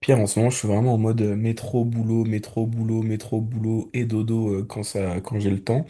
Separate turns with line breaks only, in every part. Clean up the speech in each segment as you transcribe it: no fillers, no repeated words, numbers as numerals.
Pierre, en ce moment, je suis vraiment en mode métro, boulot, métro, boulot, métro, boulot et dodo quand j'ai le temps.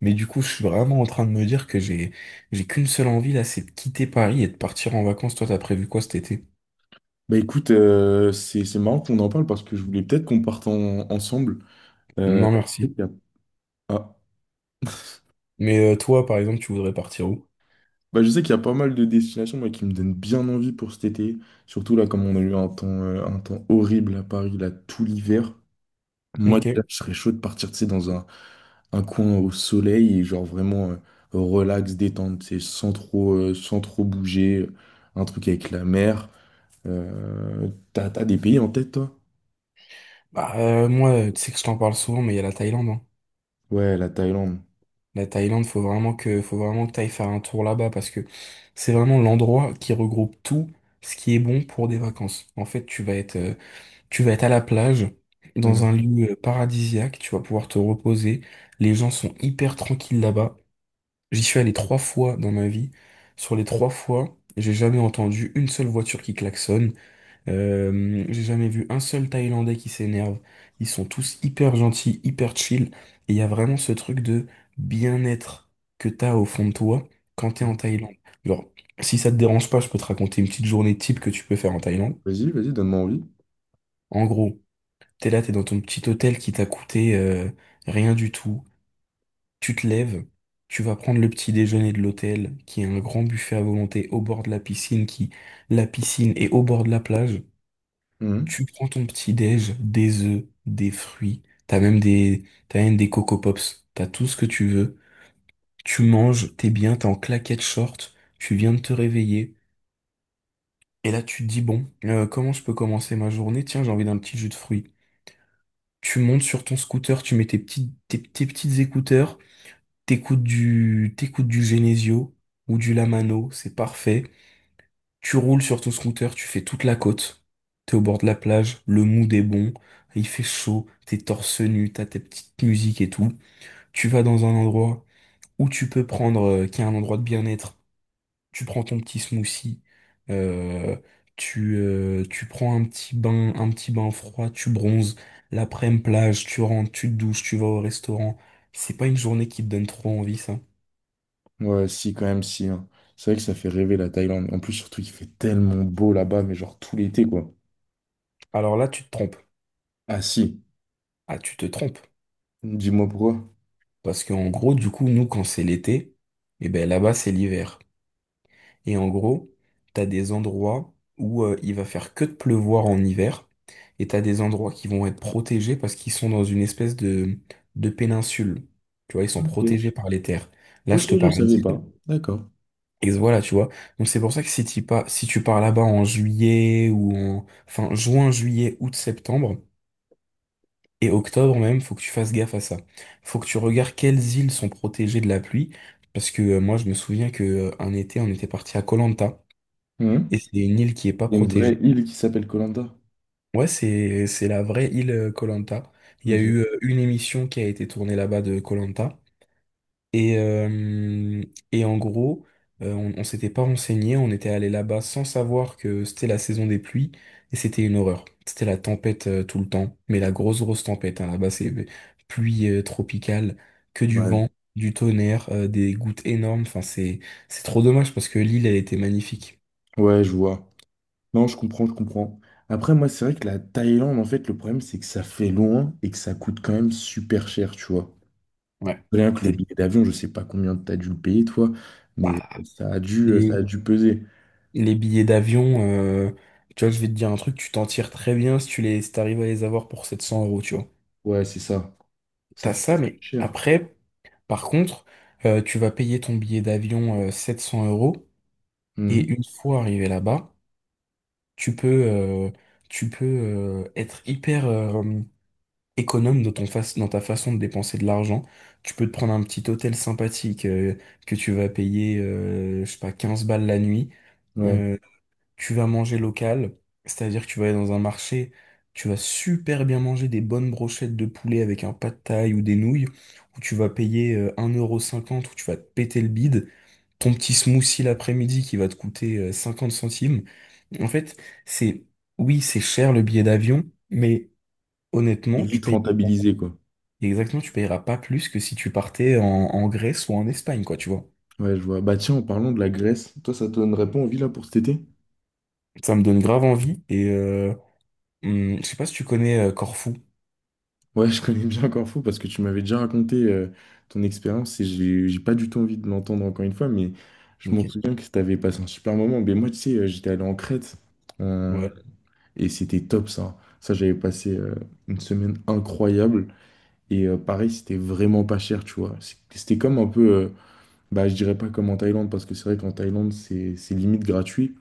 Mais du coup, je suis vraiment en train de me dire que j'ai qu'une seule envie là, c'est de quitter Paris et de partir en vacances. Toi, t'as prévu quoi cet été?
Bah écoute, c'est marrant qu'on en parle parce que je voulais peut-être qu'on parte ensemble. Euh,
Non,
je sais
merci.
qu'il y a- ah,
Mais toi, par exemple, tu voudrais partir où?
bah je sais qu'il y a pas mal de destinations moi, qui me donnent bien envie pour cet été. Surtout là, comme on a eu un temps horrible à Paris, là, tout l'hiver. Moi,
Ok.
déjà, je serais chaud de partir, tu sais, un coin au soleil et genre vraiment relax, détente, tu sais, sans trop bouger. Un truc avec la mer. T'as des pays en tête, toi?
Bah, moi, tu sais que je t'en parle souvent, mais il y a la Thaïlande, hein.
Ouais, la Thaïlande.
La Thaïlande, faut vraiment que t'ailles faire un tour là-bas parce que c'est vraiment l'endroit qui regroupe tout ce qui est bon pour des vacances. En fait, tu vas être à la plage, dans un
Mm.
lieu paradisiaque, tu vas pouvoir te reposer. Les gens sont hyper tranquilles là-bas. J'y suis allé trois fois dans ma vie. Sur les trois fois, j'ai jamais entendu une seule voiture qui klaxonne. J'ai jamais vu un seul Thaïlandais qui s'énerve. Ils sont tous hyper gentils, hyper chill. Et il y a vraiment ce truc de bien-être que t'as au fond de toi quand t'es en Thaïlande. Genre, si ça te dérange pas, je peux te raconter une petite journée type que tu peux faire en Thaïlande.
Vas-y, vas-y, donne-moi envie.
En gros, t'es là, t'es dans ton petit hôtel qui t'a coûté rien du tout. Tu te lèves, tu vas prendre le petit déjeuner de l'hôtel, qui est un grand buffet à volonté au bord de la piscine, qui la piscine est au bord de la plage.
Mhm.
Tu prends ton petit déj, des œufs, des fruits, t'as même des Coco Pops, t'as tout ce que tu veux. Tu manges, t'es bien, t'es en claquette short, tu viens de te réveiller. Et là, tu te dis, bon, comment je peux commencer ma journée? Tiens, j'ai envie d'un petit jus de fruits. Tu montes sur ton scooter, tu mets tes petites écouteurs, t'écoutes du Genesio ou du Lamano, c'est parfait. Tu roules sur ton scooter, tu fais toute la côte. T'es au bord de la plage, le mood est bon, il fait chaud, t'es torse nu, t'as tes petites musiques et tout. Tu vas dans un endroit où tu peux prendre, qui est un endroit de bien-être, tu prends ton petit smoothie, euh, tu prends un petit bain froid, tu bronzes, l'après-midi plage, tu rentres, tu te douches, tu vas au restaurant. C'est pas une journée qui te donne trop envie, ça.
Ouais, si, quand même, si, hein. C'est vrai que ça fait rêver la Thaïlande. En plus, surtout, il fait tellement beau là-bas, mais genre tout l'été, quoi.
Alors là, tu te trompes.
Ah, si.
Ah, tu te trompes.
Dis-moi pourquoi.
Parce qu'en gros, du coup, nous, quand c'est l'été, eh ben là-bas, c'est l'hiver. Et en gros, t'as des endroits où il va faire que de pleuvoir en hiver, et t'as des endroits qui vont être protégés parce qu'ils sont dans une espèce de péninsule. Tu vois, ils sont
Ok.
protégés par les terres. Là,
Ok,
je te
je
parle
savais
d'île.
pas. D'accord.
Et voilà, tu vois. Donc c'est pour ça que si tu pars là-bas en juillet enfin, juin, juillet, août, septembre et octobre même, faut que tu fasses gaffe à ça. Faut que tu regardes quelles îles sont protégées de la pluie, parce que moi, je me souviens que un été, on était parti à Koh Lanta.
Mhm.
Et c'est une île qui est pas
Il y a une vraie
protégée.
île qui s'appelle Koh Lanta.
Ouais, c'est la vraie île koh. Il y a eu
Ok.
une émission qui a été tournée là-bas de koh. Et, euh, et en gros, on s'était pas renseigné, on était allé là-bas sans savoir que c'était la saison des pluies. Et c'était une horreur. C'était la tempête tout le temps. Mais la grosse, grosse tempête, hein. Là-bas, c'est pluie tropicale, que du
Ouais.
vent, du tonnerre, des gouttes énormes. Enfin, c'est trop dommage parce que l'île, elle était magnifique.
Ouais, je vois. Non, je comprends, je comprends. Après, moi, c'est vrai que la Thaïlande, en fait, le problème, c'est que ça fait loin et que ça coûte quand même super cher, tu vois.
Ouais.
Rien que le
C'était-
billet d'avion, je sais pas combien t'as dû le payer, toi, mais
bah,
ça a
les-
dû peser.
Les billets d'avion, tu vois, je vais te dire un truc, tu t'en tires très bien si si t'arrives à les avoir pour 700 euros, tu vois.
Ouais, c'est ça. Ça
T'as
fait
ça, mais
cher.
après, par contre, tu vas payer ton billet d'avion 700 € et
Mhm.
une fois arrivé là-bas, tu peux, euh, tu peux être hyper économe dans ton face, dans ta façon de dépenser de l'argent. Tu peux te prendre un petit hôtel sympathique que tu vas payer, je sais pas, 15 balles la nuit.
Ouais.
euh, tu vas manger local, c'est-à-dire que tu vas aller dans un marché, tu vas super bien manger des bonnes brochettes de poulet avec un pad thaï ou des nouilles, où tu vas payer 1,50 € où tu vas te péter le bide, ton petit smoothie l'après-midi qui va te coûter 50 centimes. En fait, c'est, oui, c'est cher le billet d'avion, mais
Et
honnêtement, tu
vite
payes,
rentabilisé, quoi.
exactement, tu payeras pas plus que si tu partais en Grèce ou en Espagne, quoi, tu vois.
Ouais, je vois. Bah tiens, en parlant de la Grèce, toi, ça te donnerait pas envie là pour cet été?
Ça me donne grave envie, et je sais pas si tu connais Corfou.
Ouais, je connais bien Corfou parce que tu m'avais déjà raconté ton expérience et j'ai pas du tout envie de l'entendre encore une fois, mais je m'en
Ok.
souviens que t'avais passé un super moment. Mais moi, tu sais, j'étais allé en Crète euh,
Ouais.
et c'était top ça. Ça, j'avais passé une semaine incroyable et pareil, c'était vraiment pas cher, tu vois. C'était comme un peu. Bah, je dirais pas comme en Thaïlande, parce que c'est vrai qu'en Thaïlande, c'est limite gratuit.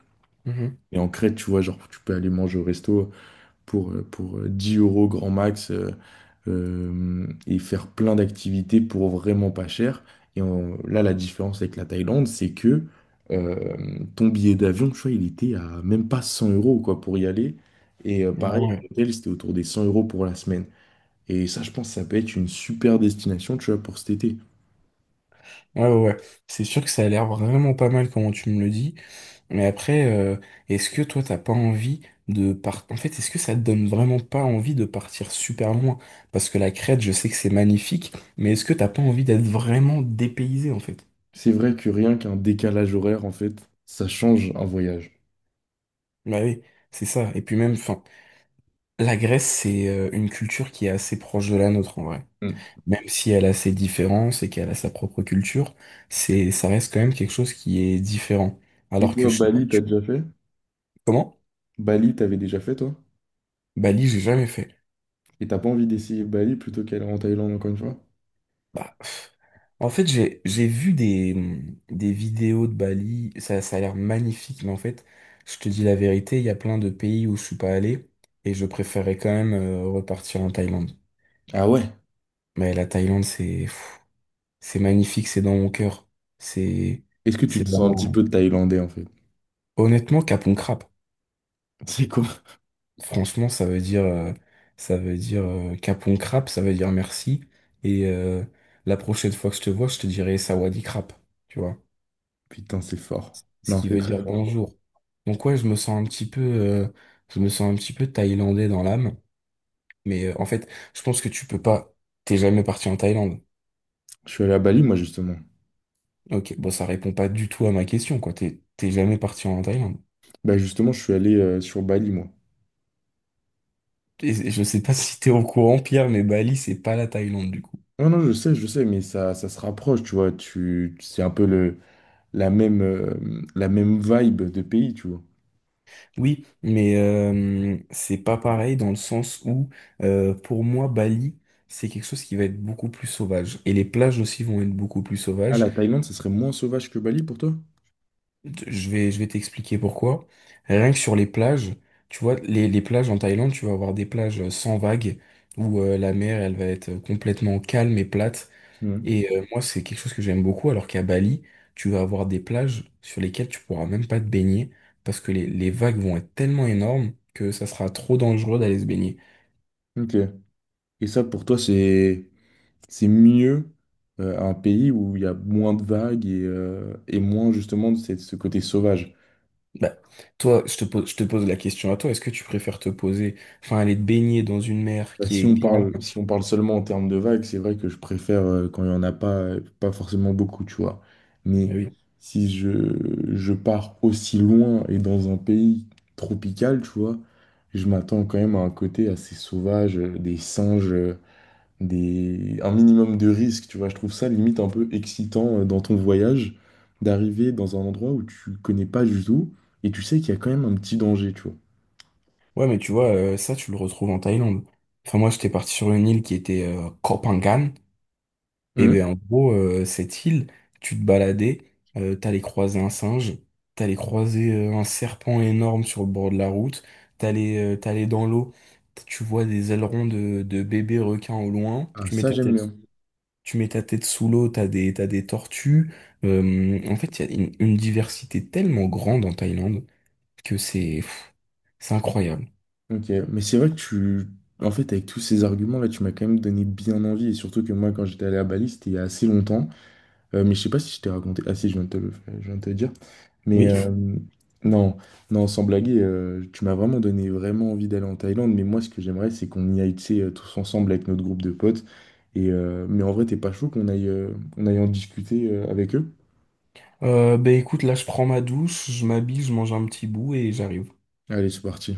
Et en Crète, tu vois, genre, tu peux aller manger au resto pour 10 euros grand max, et faire plein d'activités pour vraiment pas cher. Là, la différence avec la Thaïlande, c'est que euh, ton billet d'avion, tu vois, il était à même pas 100 euros, quoi, pour y aller. Et
Ah
pareil,
ouais,
l'hôtel, c'était autour des 100 euros pour la semaine. Et ça, je pense, ça peut être une super destination, tu vois, pour cet été.
ah ouais, ouais. C'est sûr que ça a l'air vraiment pas mal comment tu me le dis. Mais après, est-ce que toi, t'as pas envie de partir. En fait, est-ce que ça te donne vraiment pas envie de partir super loin? Parce que la Crète, je sais que c'est magnifique, mais est-ce que t'as pas envie d'être vraiment dépaysé, en fait?
C'est vrai que rien qu'un décalage horaire, en fait, ça change un voyage.
Bah oui, c'est ça. Et puis même, enfin, la Grèce, c'est une culture qui est assez proche de la nôtre, en vrai.
Mm.
Même si elle a ses différences et qu'elle a sa propre culture, ça reste quand même quelque chose qui est différent.
Et
Alors que
toi,
je sais pas,
Bali,
tu.
t'as déjà fait?
Comment?
Bali, t'avais déjà fait, toi?
Bali, j'ai jamais fait.
Et t'as pas envie d'essayer Bali plutôt qu'aller en Thaïlande encore une fois?
Bah, pff. En fait, j'ai vu des, vidéos de Bali, ça a l'air magnifique, mais en fait, je te dis la vérité, il y a plein de pays où je suis pas allé, et je préférais quand même repartir en Thaïlande.
Ah ouais?
Mais la Thaïlande, c'est pff, c'est magnifique, c'est dans mon cœur. C'est
Est-ce que tu
c'est
te sens un petit
vraiment.
peu thaïlandais, en fait?
Honnêtement, Kapon crap.
C'est quoi?
Franchement, ça veut dire Kapon Krap, ça veut dire merci, et la prochaine fois que je te vois, je te dirai Sawadee crap, tu vois.
Putain, c'est fort.
Ce
Non,
qui
c'est
veut
très
dire
fort.
bonjour. Donc ouais, je me sens un petit peu thaïlandais dans l'âme. Mais en fait, je pense que tu peux pas. T'es jamais parti en Thaïlande.
Je suis allé à Bali, moi, justement.
Ok, bon, ça répond pas du tout à ma question, quoi. T'es jamais parti en Thaïlande.
Bah, justement, je suis allé sur Bali, moi.
Et je sais pas si t'es au courant, Pierre, mais Bali, c'est pas la Thaïlande du coup.
Non, non, je sais, mais ça se rapproche, tu vois. C'est un peu la même, euh, la même vibe de pays, tu vois.
Oui, mais c'est pas pareil dans le sens où, pour moi, Bali, c'est quelque chose qui va être beaucoup plus sauvage. Et les plages aussi vont être beaucoup plus
Ah,
sauvages.
la Thaïlande, ça serait moins sauvage que Bali pour toi?
Je vais t'expliquer pourquoi. Rien que sur les plages, tu vois, les plages en Thaïlande, tu vas avoir des plages sans vagues, où la mer, elle va être complètement calme et plate.
Mhm.
Et moi, c'est quelque chose que j'aime beaucoup, alors qu'à Bali, tu vas avoir des plages sur lesquelles tu pourras même pas te baigner, parce que les vagues vont être tellement énormes que ça sera trop dangereux d'aller se baigner.
Ok. Et ça, pour toi, c'est mieux un pays où il y a moins de vagues et moins justement de ce côté sauvage.
Bah, toi, je te pose la question à toi, est-ce que tu préfères te poser, enfin, aller te baigner dans une mer
Bah,
qui est calme?
si on parle seulement en termes de vagues, c'est vrai que je préfère quand il n'y en a pas, pas forcément beaucoup, tu vois.
Ah
Mais
oui.
si je, je pars aussi loin et dans un pays tropical, tu vois, je m'attends quand même à un côté assez sauvage, des singes, des... un minimum de risque, tu vois. Je trouve ça limite un peu excitant dans ton voyage d'arriver dans un endroit où tu connais pas du tout et tu sais qu'il y a quand même un petit danger, tu vois.
Ouais, mais tu vois, ça, tu le retrouves en Thaïlande. Enfin, moi, j'étais parti sur une île qui était Koh Phangan. Et ben
Mhm.
en gros, cette île, tu te baladais, t'allais croiser un singe, t'allais croiser un serpent énorme sur le bord de la route, t'allais dans l'eau, tu vois des ailerons de bébés requins au loin,
Ah, ça, j'aime bien.
tu mets ta tête sous l'eau, t'as des tortues. En fait, il y a une diversité tellement grande en Thaïlande que c'est pff, c'est incroyable.
Ok, mais c'est vrai que tu... En fait, avec tous ces arguments-là, tu m'as quand même donné bien envie. Et surtout que moi, quand j'étais allé à Bali, c'était il y a assez longtemps. Mais je sais pas si je t'ai raconté. Ah si, je viens de te le dire. Mais
Oui.
non, non, sans blaguer, tu m'as vraiment donné vraiment envie d'aller en Thaïlande. Mais moi, ce que j'aimerais, c'est qu'on y aille, tu sais, tous ensemble avec notre groupe de potes. Et, mais en vrai, t'es pas chaud qu'on aille en discuter avec eux?
Ben écoute, là je prends ma douche, je m'habille, je mange un petit bout et j'arrive.
Allez, c'est parti.